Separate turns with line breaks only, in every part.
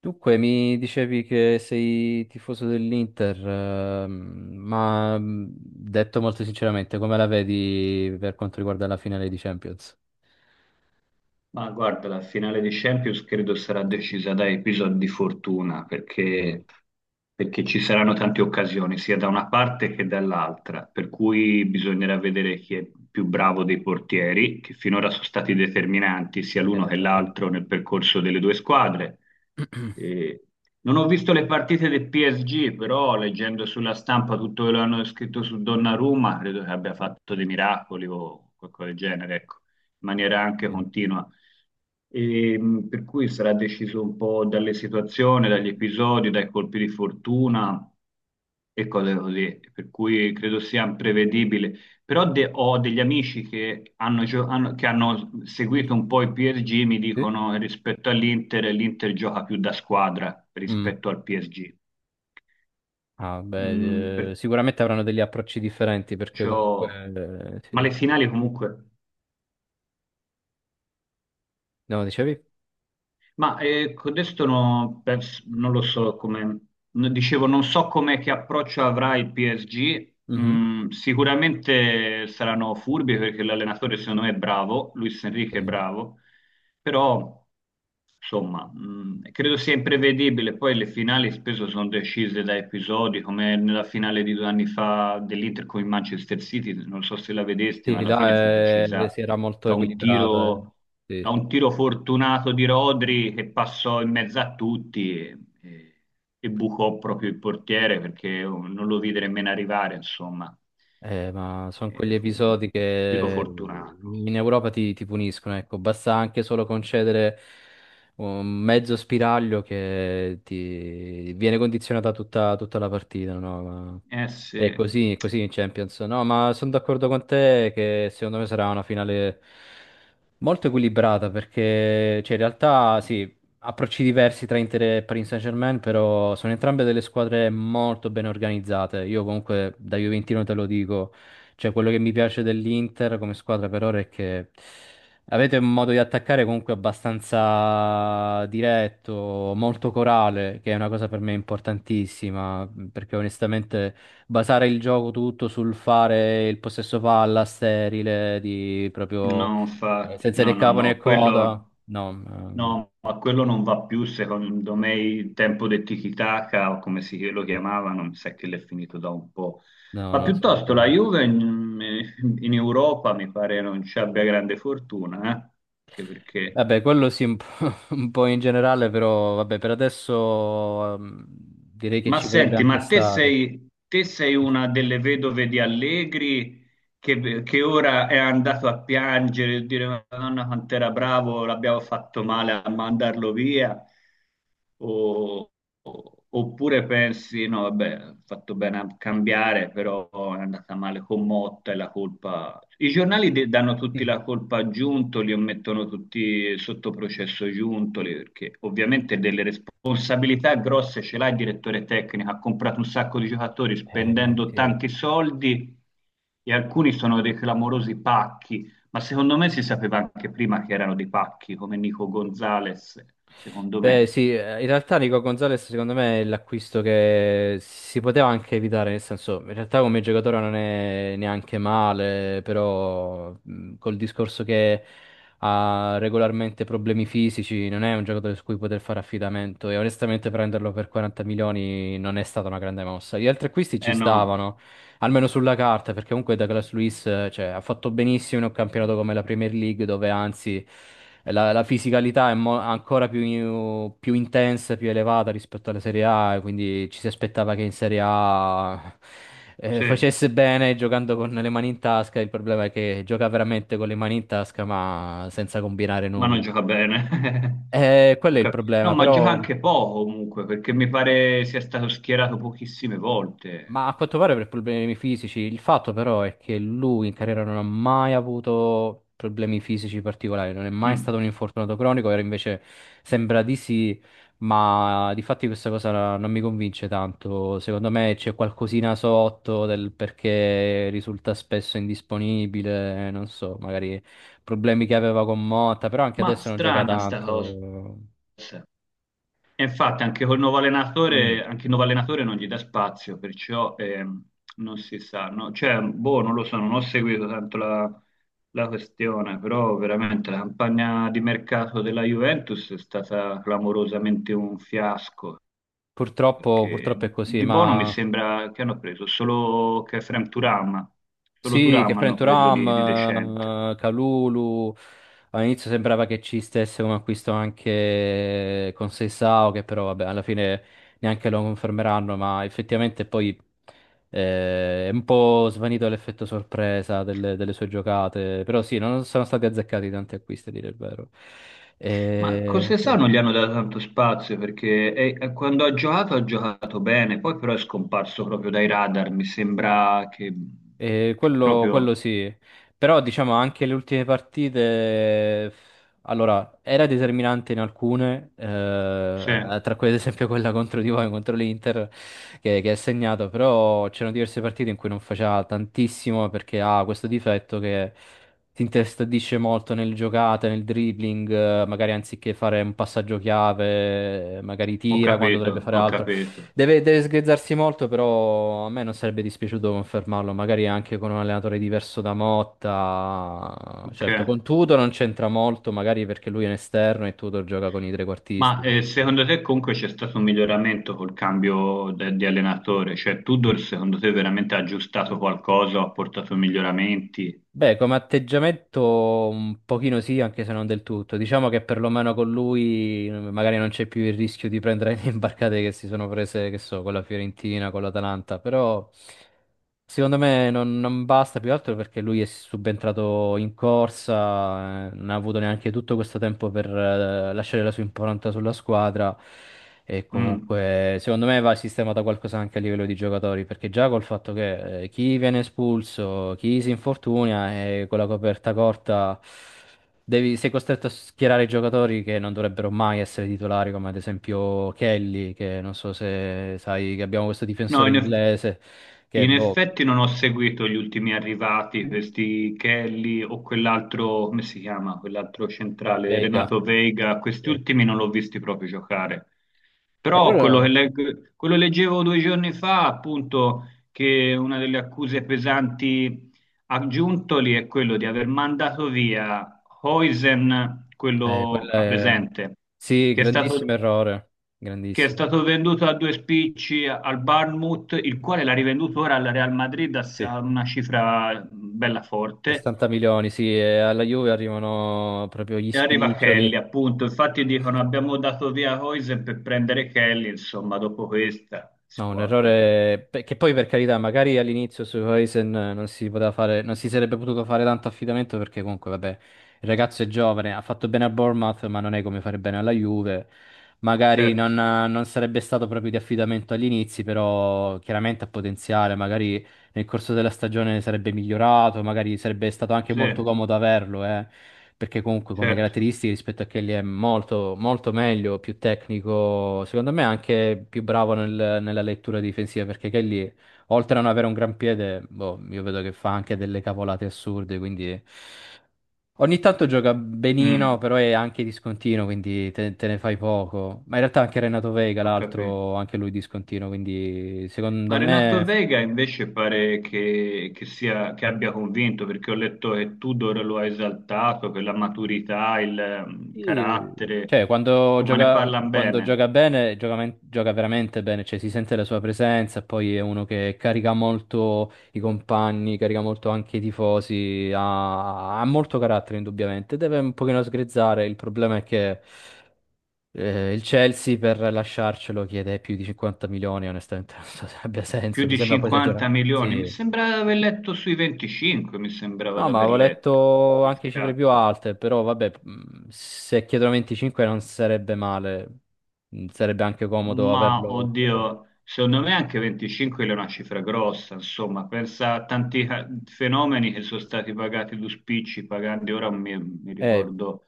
Dunque, mi dicevi che sei tifoso dell'Inter, ma detto molto sinceramente, come la vedi per quanto riguarda la finale di Champions?
Ma guarda, la finale di Champions credo sarà decisa da episodi di fortuna, perché ci saranno tante occasioni, sia da una parte che dall'altra, per cui bisognerà vedere chi è più bravo dei portieri, che finora sono stati determinanti sia l'uno
Beh,
che
parliamo.
l'altro nel percorso delle due squadre. E non ho visto le partite del PSG, però leggendo sulla stampa tutto quello che hanno scritto su Donnarumma, credo che abbia fatto dei miracoli o qualcosa del genere, ecco, in maniera anche
eh,
continua. E, per cui sarà deciso un po' dalle situazioni, dagli episodi, dai colpi di fortuna e cose così, per cui credo sia imprevedibile. Però ho degli amici che che hanno
mhm.
seguito un po' il PSG, mi
Sì?
dicono che rispetto all'Inter, l'Inter gioca più da squadra
Mm.
rispetto al PSG.
Ah,
Mm,
beh, sicuramente avranno degli approcci differenti perché
perciò...
comunque,
Ma le
sì.
finali comunque...
No, dicevi?
Ma adesso no, non lo so come, no, dicevo, non so come che approccio avrà il PSG.
Mhm.
Mm, sicuramente saranno furbi perché l'allenatore secondo me è bravo, Luis Enrique è
Sì.
bravo, però insomma, credo sia imprevedibile. Poi le finali spesso sono decise da episodi, come nella finale di due anni fa dell'Inter con il Manchester City, non so se la vedesti, ma
Sì,
alla fine fu
là
decisa
si era molto
da un
equilibrata.
tiro,
Sì,
da
sì.
un tiro fortunato di Rodri che passò in mezzo a tutti e bucò proprio il portiere perché non lo vide nemmeno arrivare, insomma.
Ma sono quegli
Fu un
episodi
tiro
che
fortunato.
in Europa ti puniscono, ecco, basta anche solo concedere un mezzo spiraglio che ti viene condizionata tutta la partita, no? Ma
Eh sì.
è così in Champions. No, ma sono d'accordo con te che secondo me sarà una finale molto equilibrata perché, cioè, in realtà sì, approcci diversi tra Inter e Paris Saint-Germain, però sono entrambe delle squadre molto ben organizzate. Io comunque da Juventino te lo dico, cioè quello che mi piace dell'Inter come squadra per ora è che avete un modo di attaccare comunque abbastanza diretto, molto corale, che è una cosa per me importantissima, perché onestamente basare il gioco tutto sul fare il possesso palla sterile, di proprio
No, infatti,
senza
no,
né
no,
capo né
no,
coda,
quello,
no.
no, ma quello non va più, secondo me, il tempo del tiki-taka, o come si lo chiamavano, mi sa che l'è finito da un po'.
No,
Ma
no, sono
piuttosto la
d'accordo.
Juve in Europa mi pare non ci abbia grande fortuna, eh? Anche perché...
Vabbè, quello sì, un po', un po' in generale, però vabbè, per adesso direi che
Ma
ci potrebbe
senti,
anche
ma
stare.
te sei una delle vedove di Allegri che ora è andato a piangere e dire Madonna quant'era bravo, l'abbiamo fatto male a mandarlo via. O- Oppure pensi, no, vabbè, ho fatto bene a cambiare, però è andata male con Motta e la colpa... I giornali danno tutti
Mm.
la colpa a Giuntoli o mettono tutti sotto processo Giuntoli, perché ovviamente delle responsabilità grosse ce l'ha il direttore tecnico, ha comprato un sacco di giocatori spendendo
Sì.
tanti soldi e alcuni sono dei clamorosi pacchi, ma secondo me si sapeva anche prima che erano dei pacchi, come Nico Gonzalez, secondo
Beh,
me.
sì, in realtà Nico Gonzalez secondo me è l'acquisto che si poteva anche evitare, nel senso, in realtà come giocatore non è neanche male, però col discorso che ha regolarmente problemi fisici, non è un giocatore su cui poter fare affidamento e onestamente prenderlo per 40 milioni non è stata una grande mossa. Gli altri acquisti ci
Eh no,
stavano, almeno sulla carta, perché comunque Douglas Luiz, cioè, ha fatto benissimo in un campionato come la Premier League, dove anzi la fisicalità è ancora più intensa, più elevata rispetto alla Serie A, e quindi ci si aspettava che in Serie A
sì,
facesse bene giocando con le mani in tasca. Il problema è che gioca veramente con le mani in tasca, ma senza combinare
ma non
nulla.
gioca bene.
Quello è il
No,
problema,
ma gioca
però.
anche poco comunque, perché mi pare sia stato schierato pochissime volte.
Ma a quanto pare per problemi fisici, il fatto però è che lui in carriera non ha mai avuto problemi fisici particolari, non è mai
Mm.
stato un infortunato cronico, era invece sembra di sì, ma di fatti questa cosa non mi convince tanto. Secondo me c'è qualcosina sotto del perché risulta spesso indisponibile, non so, magari problemi che aveva con Motta, però anche
Ma
adesso non gioca
strana sta cosa.
tanto.
E infatti anche col nuovo
Mm.
allenatore, anche il nuovo allenatore non gli dà spazio, perciò non si sa, no? Cioè, boh, non lo so, non ho seguito tanto la questione, però veramente la campagna di mercato della Juventus è stata clamorosamente un fiasco.
Purtroppo,
Perché
purtroppo è così,
di buono mi
ma
sembra che hanno preso solo Khurram Turam, solo
sì, che
Turam hanno preso di
Frenturam,
decente.
Kalulu, all'inizio sembrava che ci stesse un acquisto anche con Seisao, che però vabbè, alla fine neanche lo confermeranno, ma effettivamente poi è un po' svanito l'effetto sorpresa delle sue giocate, però sì, non sono stati azzeccati tanti acquisti, a dire il vero.
Ma cosa
Sì.
sa non gli hanno dato tanto spazio perché quando ha giocato bene, poi però è scomparso proprio dai radar, mi sembra che proprio...
Quello sì, però diciamo anche le ultime partite, eh, era determinante in alcune,
Sì, ho
tra cui ad esempio quella contro di voi, contro l'Inter, che ha segnato, però c'erano diverse partite in cui non faceva tantissimo perché ha questo difetto che ti intestardisce molto nel giocate, nel dribbling, magari anziché fare un passaggio chiave, magari tira quando dovrebbe
capito,
fare
ho
altro.
capito.
Deve sgrezzarsi molto, però a me non sarebbe dispiaciuto confermarlo, magari anche con un allenatore diverso da Motta.
Ok.
Certo, con Tudor non c'entra molto, magari perché lui è un esterno e Tudor gioca con i
Ma
trequartisti, quindi...
secondo te comunque c'è stato un miglioramento col cambio di allenatore? Cioè Tudor secondo te veramente ha aggiustato qualcosa o ha portato miglioramenti?
Beh, come atteggiamento un pochino sì, anche se non del tutto. Diciamo che perlomeno con lui magari non c'è più il rischio di prendere le imbarcate che si sono prese, che so, con la Fiorentina, con l'Atalanta, però secondo me non, non basta più altro perché lui è subentrato in corsa, non ha avuto neanche tutto questo tempo per lasciare la sua impronta sulla squadra e
Mm.
comunque, secondo me va sistemato qualcosa anche a livello di giocatori, perché già col fatto che chi viene espulso, chi si infortuna e con la coperta corta sei costretto a schierare i giocatori che non dovrebbero mai essere titolari, come ad esempio Kelly, che non so se sai che abbiamo questo
No,
difensore
in eff-
inglese che
In
boh,
effetti non ho seguito gli ultimi arrivati, questi Kelly o quell'altro, come si chiama, quell'altro centrale,
Vega.
Renato Veiga, questi
Sì.
ultimi non l'ho visti proprio giocare.
E
Però
loro-
quello leggevo due giorni fa, appunto, che una delle accuse pesanti a Giuntoli è quello di aver mandato via Huijsen, quello
quella
a
è-
presente,
sì,
che è
grandissimo
stato
errore,
che è
grandissimo.
stato venduto a due spicci al Bournemouth, il quale l'ha rivenduto ora al Real Madrid
Sì.
a una cifra bella forte.
60 milioni, sì, e alla Juve arrivano proprio gli
E arriva
spiccioli.
Kelly, appunto. Infatti dicono abbiamo dato via Hoysen per prendere Kelly, insomma, dopo questa si
No, un
può anche...
errore beh, che poi per carità, magari all'inizio su Huijsen non si poteva fare, non si sarebbe potuto fare tanto affidamento perché comunque, vabbè, il ragazzo è giovane, ha fatto bene a Bournemouth, ma non è come fare bene alla Juve. Magari
Certo,
non sarebbe stato proprio di affidamento agli inizi, però chiaramente ha potenziale, magari nel corso della stagione sarebbe migliorato, magari sarebbe stato anche
sì,
molto comodo averlo, perché comunque come
certo.
caratteristiche rispetto a Kelly è molto, molto meglio, più tecnico, secondo me anche più bravo nella lettura difensiva, perché Kelly, oltre a non avere un gran piede, boh, io vedo che fa anche delle cavolate assurde, quindi... Ogni tanto gioca benino,
Mm,
però è anche discontinuo, quindi te ne fai poco. Ma in realtà anche Renato Vega,
ho capito.
l'altro, anche lui discontinuo, quindi secondo
Ma Renato
me
Vega invece pare che sia, che abbia convinto, perché ho letto che Tudor lo ha esaltato per la maturità, il
sì,
carattere,
cioè,
insomma ne parlano
quando
bene.
gioca bene, gioca, gioca veramente bene, cioè si sente la sua presenza, poi è uno che carica molto i compagni, carica molto anche i tifosi, ha molto carattere indubbiamente, deve un pochino sgrezzare, il problema è che il Chelsea per lasciarcelo chiede più di 50 milioni, onestamente non so se abbia
Più
senso, mi
di
sembra poi esagerato.
50 milioni, mi
Sì.
sembrava di aver letto sui 25, mi sembrava
No,
di
ma
aver
avevo
letto,
letto
di
anche cifre più
scatto.
alte, però vabbè, se chiedono 25 non sarebbe male, sarebbe anche comodo
Ma
averlo. Però.
oddio, secondo me anche 25 è una cifra grossa, insomma, pensa a tanti fenomeni che sono stati pagati due spicci, pagando ora mi
Eh,
ricordo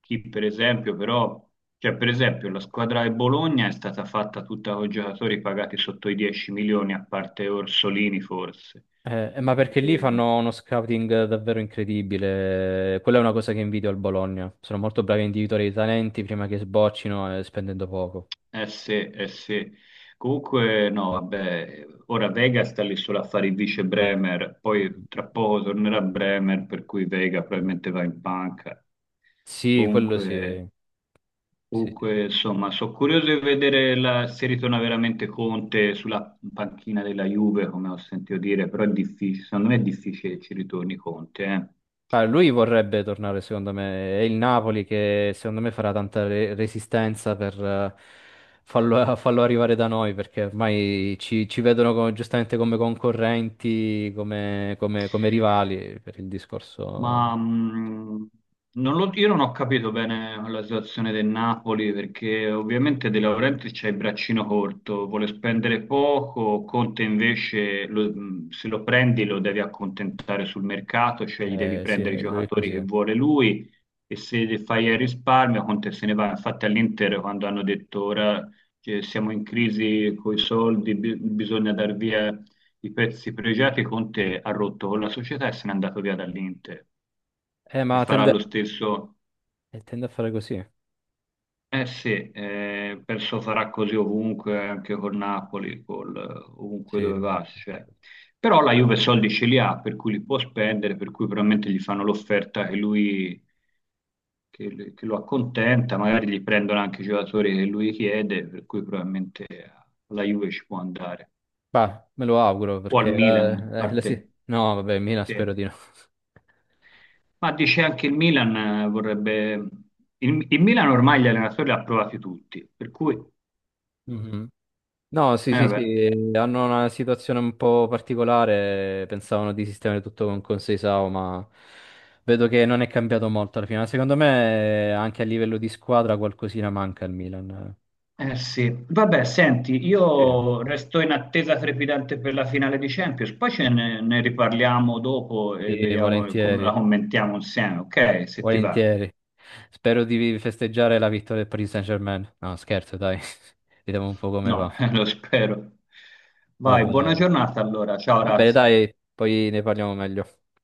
chi per esempio però, cioè per esempio la squadra del Bologna è stata fatta tutta con giocatori pagati sotto i 10 milioni, a parte Orsolini forse.
ma perché lì
E,
fanno uno scouting davvero incredibile, quella è una cosa che invidio al Bologna, sono molto bravi a individuare i talenti prima che sboccino spendendo poco.
eh sì, eh sì. Comunque no, vabbè, ora Vega sta lì solo a fare il vice Bremer,
Mm.
poi tra poco tornerà Bremer, per cui Vega probabilmente va in panca.
Sì, quello sì.
Comunque...
Sì, sì, sì.
Comunque, insomma, sono curioso di vedere se ritorna veramente Conte sulla panchina della Juve, come ho sentito dire, però è difficile, secondo me è difficile che ci ritorni Conte, eh.
Ah, lui vorrebbe tornare, secondo me. È il Napoli che, secondo me, farà tanta resistenza per farlo arrivare da noi, perché ormai ci vedono giustamente come concorrenti, come rivali, per il discorso...
Ma non lo- io non ho capito bene la situazione del Napoli perché ovviamente De Laurentiis c'ha il braccino corto, vuole spendere poco, Conte invece se lo prendi lo devi accontentare sul mercato, cioè gli devi
Sì,
prendere i
lui è
giocatori
così.
che vuole lui e se fai il risparmio Conte se ne va. Infatti all'Inter quando hanno detto ora che siamo in crisi con i soldi, bisogna dar via i pezzi pregiati, Conte ha rotto con la società e se n'è andato via dall'Inter e
Ma
farà
tende,
lo stesso.
tende a fare così.
Eh sì, penso farà così ovunque, anche con Napoli, col, ovunque
Sì.
dove va, cioè. Però la Juve soldi ce li ha, per cui li può spendere, per cui probabilmente gli fanno l'offerta che lo accontenta, magari gli prendono anche i giocatori che lui chiede, per cui probabilmente alla Juve ci può andare.
Bah, me lo auguro,
O al
perché...
Milan, a parte...
No, vabbè, Mina
sì.
spero di no.
Ma dice anche il Milan vorrebbe... il Milan ormai gli allenatori li ha provati tutti, per cui...
Mhm. No, sì,
Eh
sì,
beh,
sì, hanno una situazione un po' particolare, pensavano di sistemare tutto con Conseil SAO, ma vedo che non è cambiato molto alla fine. Ma secondo me anche a livello di squadra qualcosina manca al Milan.
eh sì. Vabbè, senti,
Sì.
io resto in attesa trepidante per la finale di Champions, poi ne riparliamo dopo e
Sì,
vediamo come la
volentieri,
commentiamo insieme, ok? Se ti va.
volentieri. Spero di festeggiare la vittoria del Paris Saint-Germain. No, scherzo, dai. Vediamo un po' come
No,
va.
lo spero.
Va
Vai, buona
bene.
giornata allora. Ciao,
Va bene,
Razzi.
dai, poi ne parliamo meglio.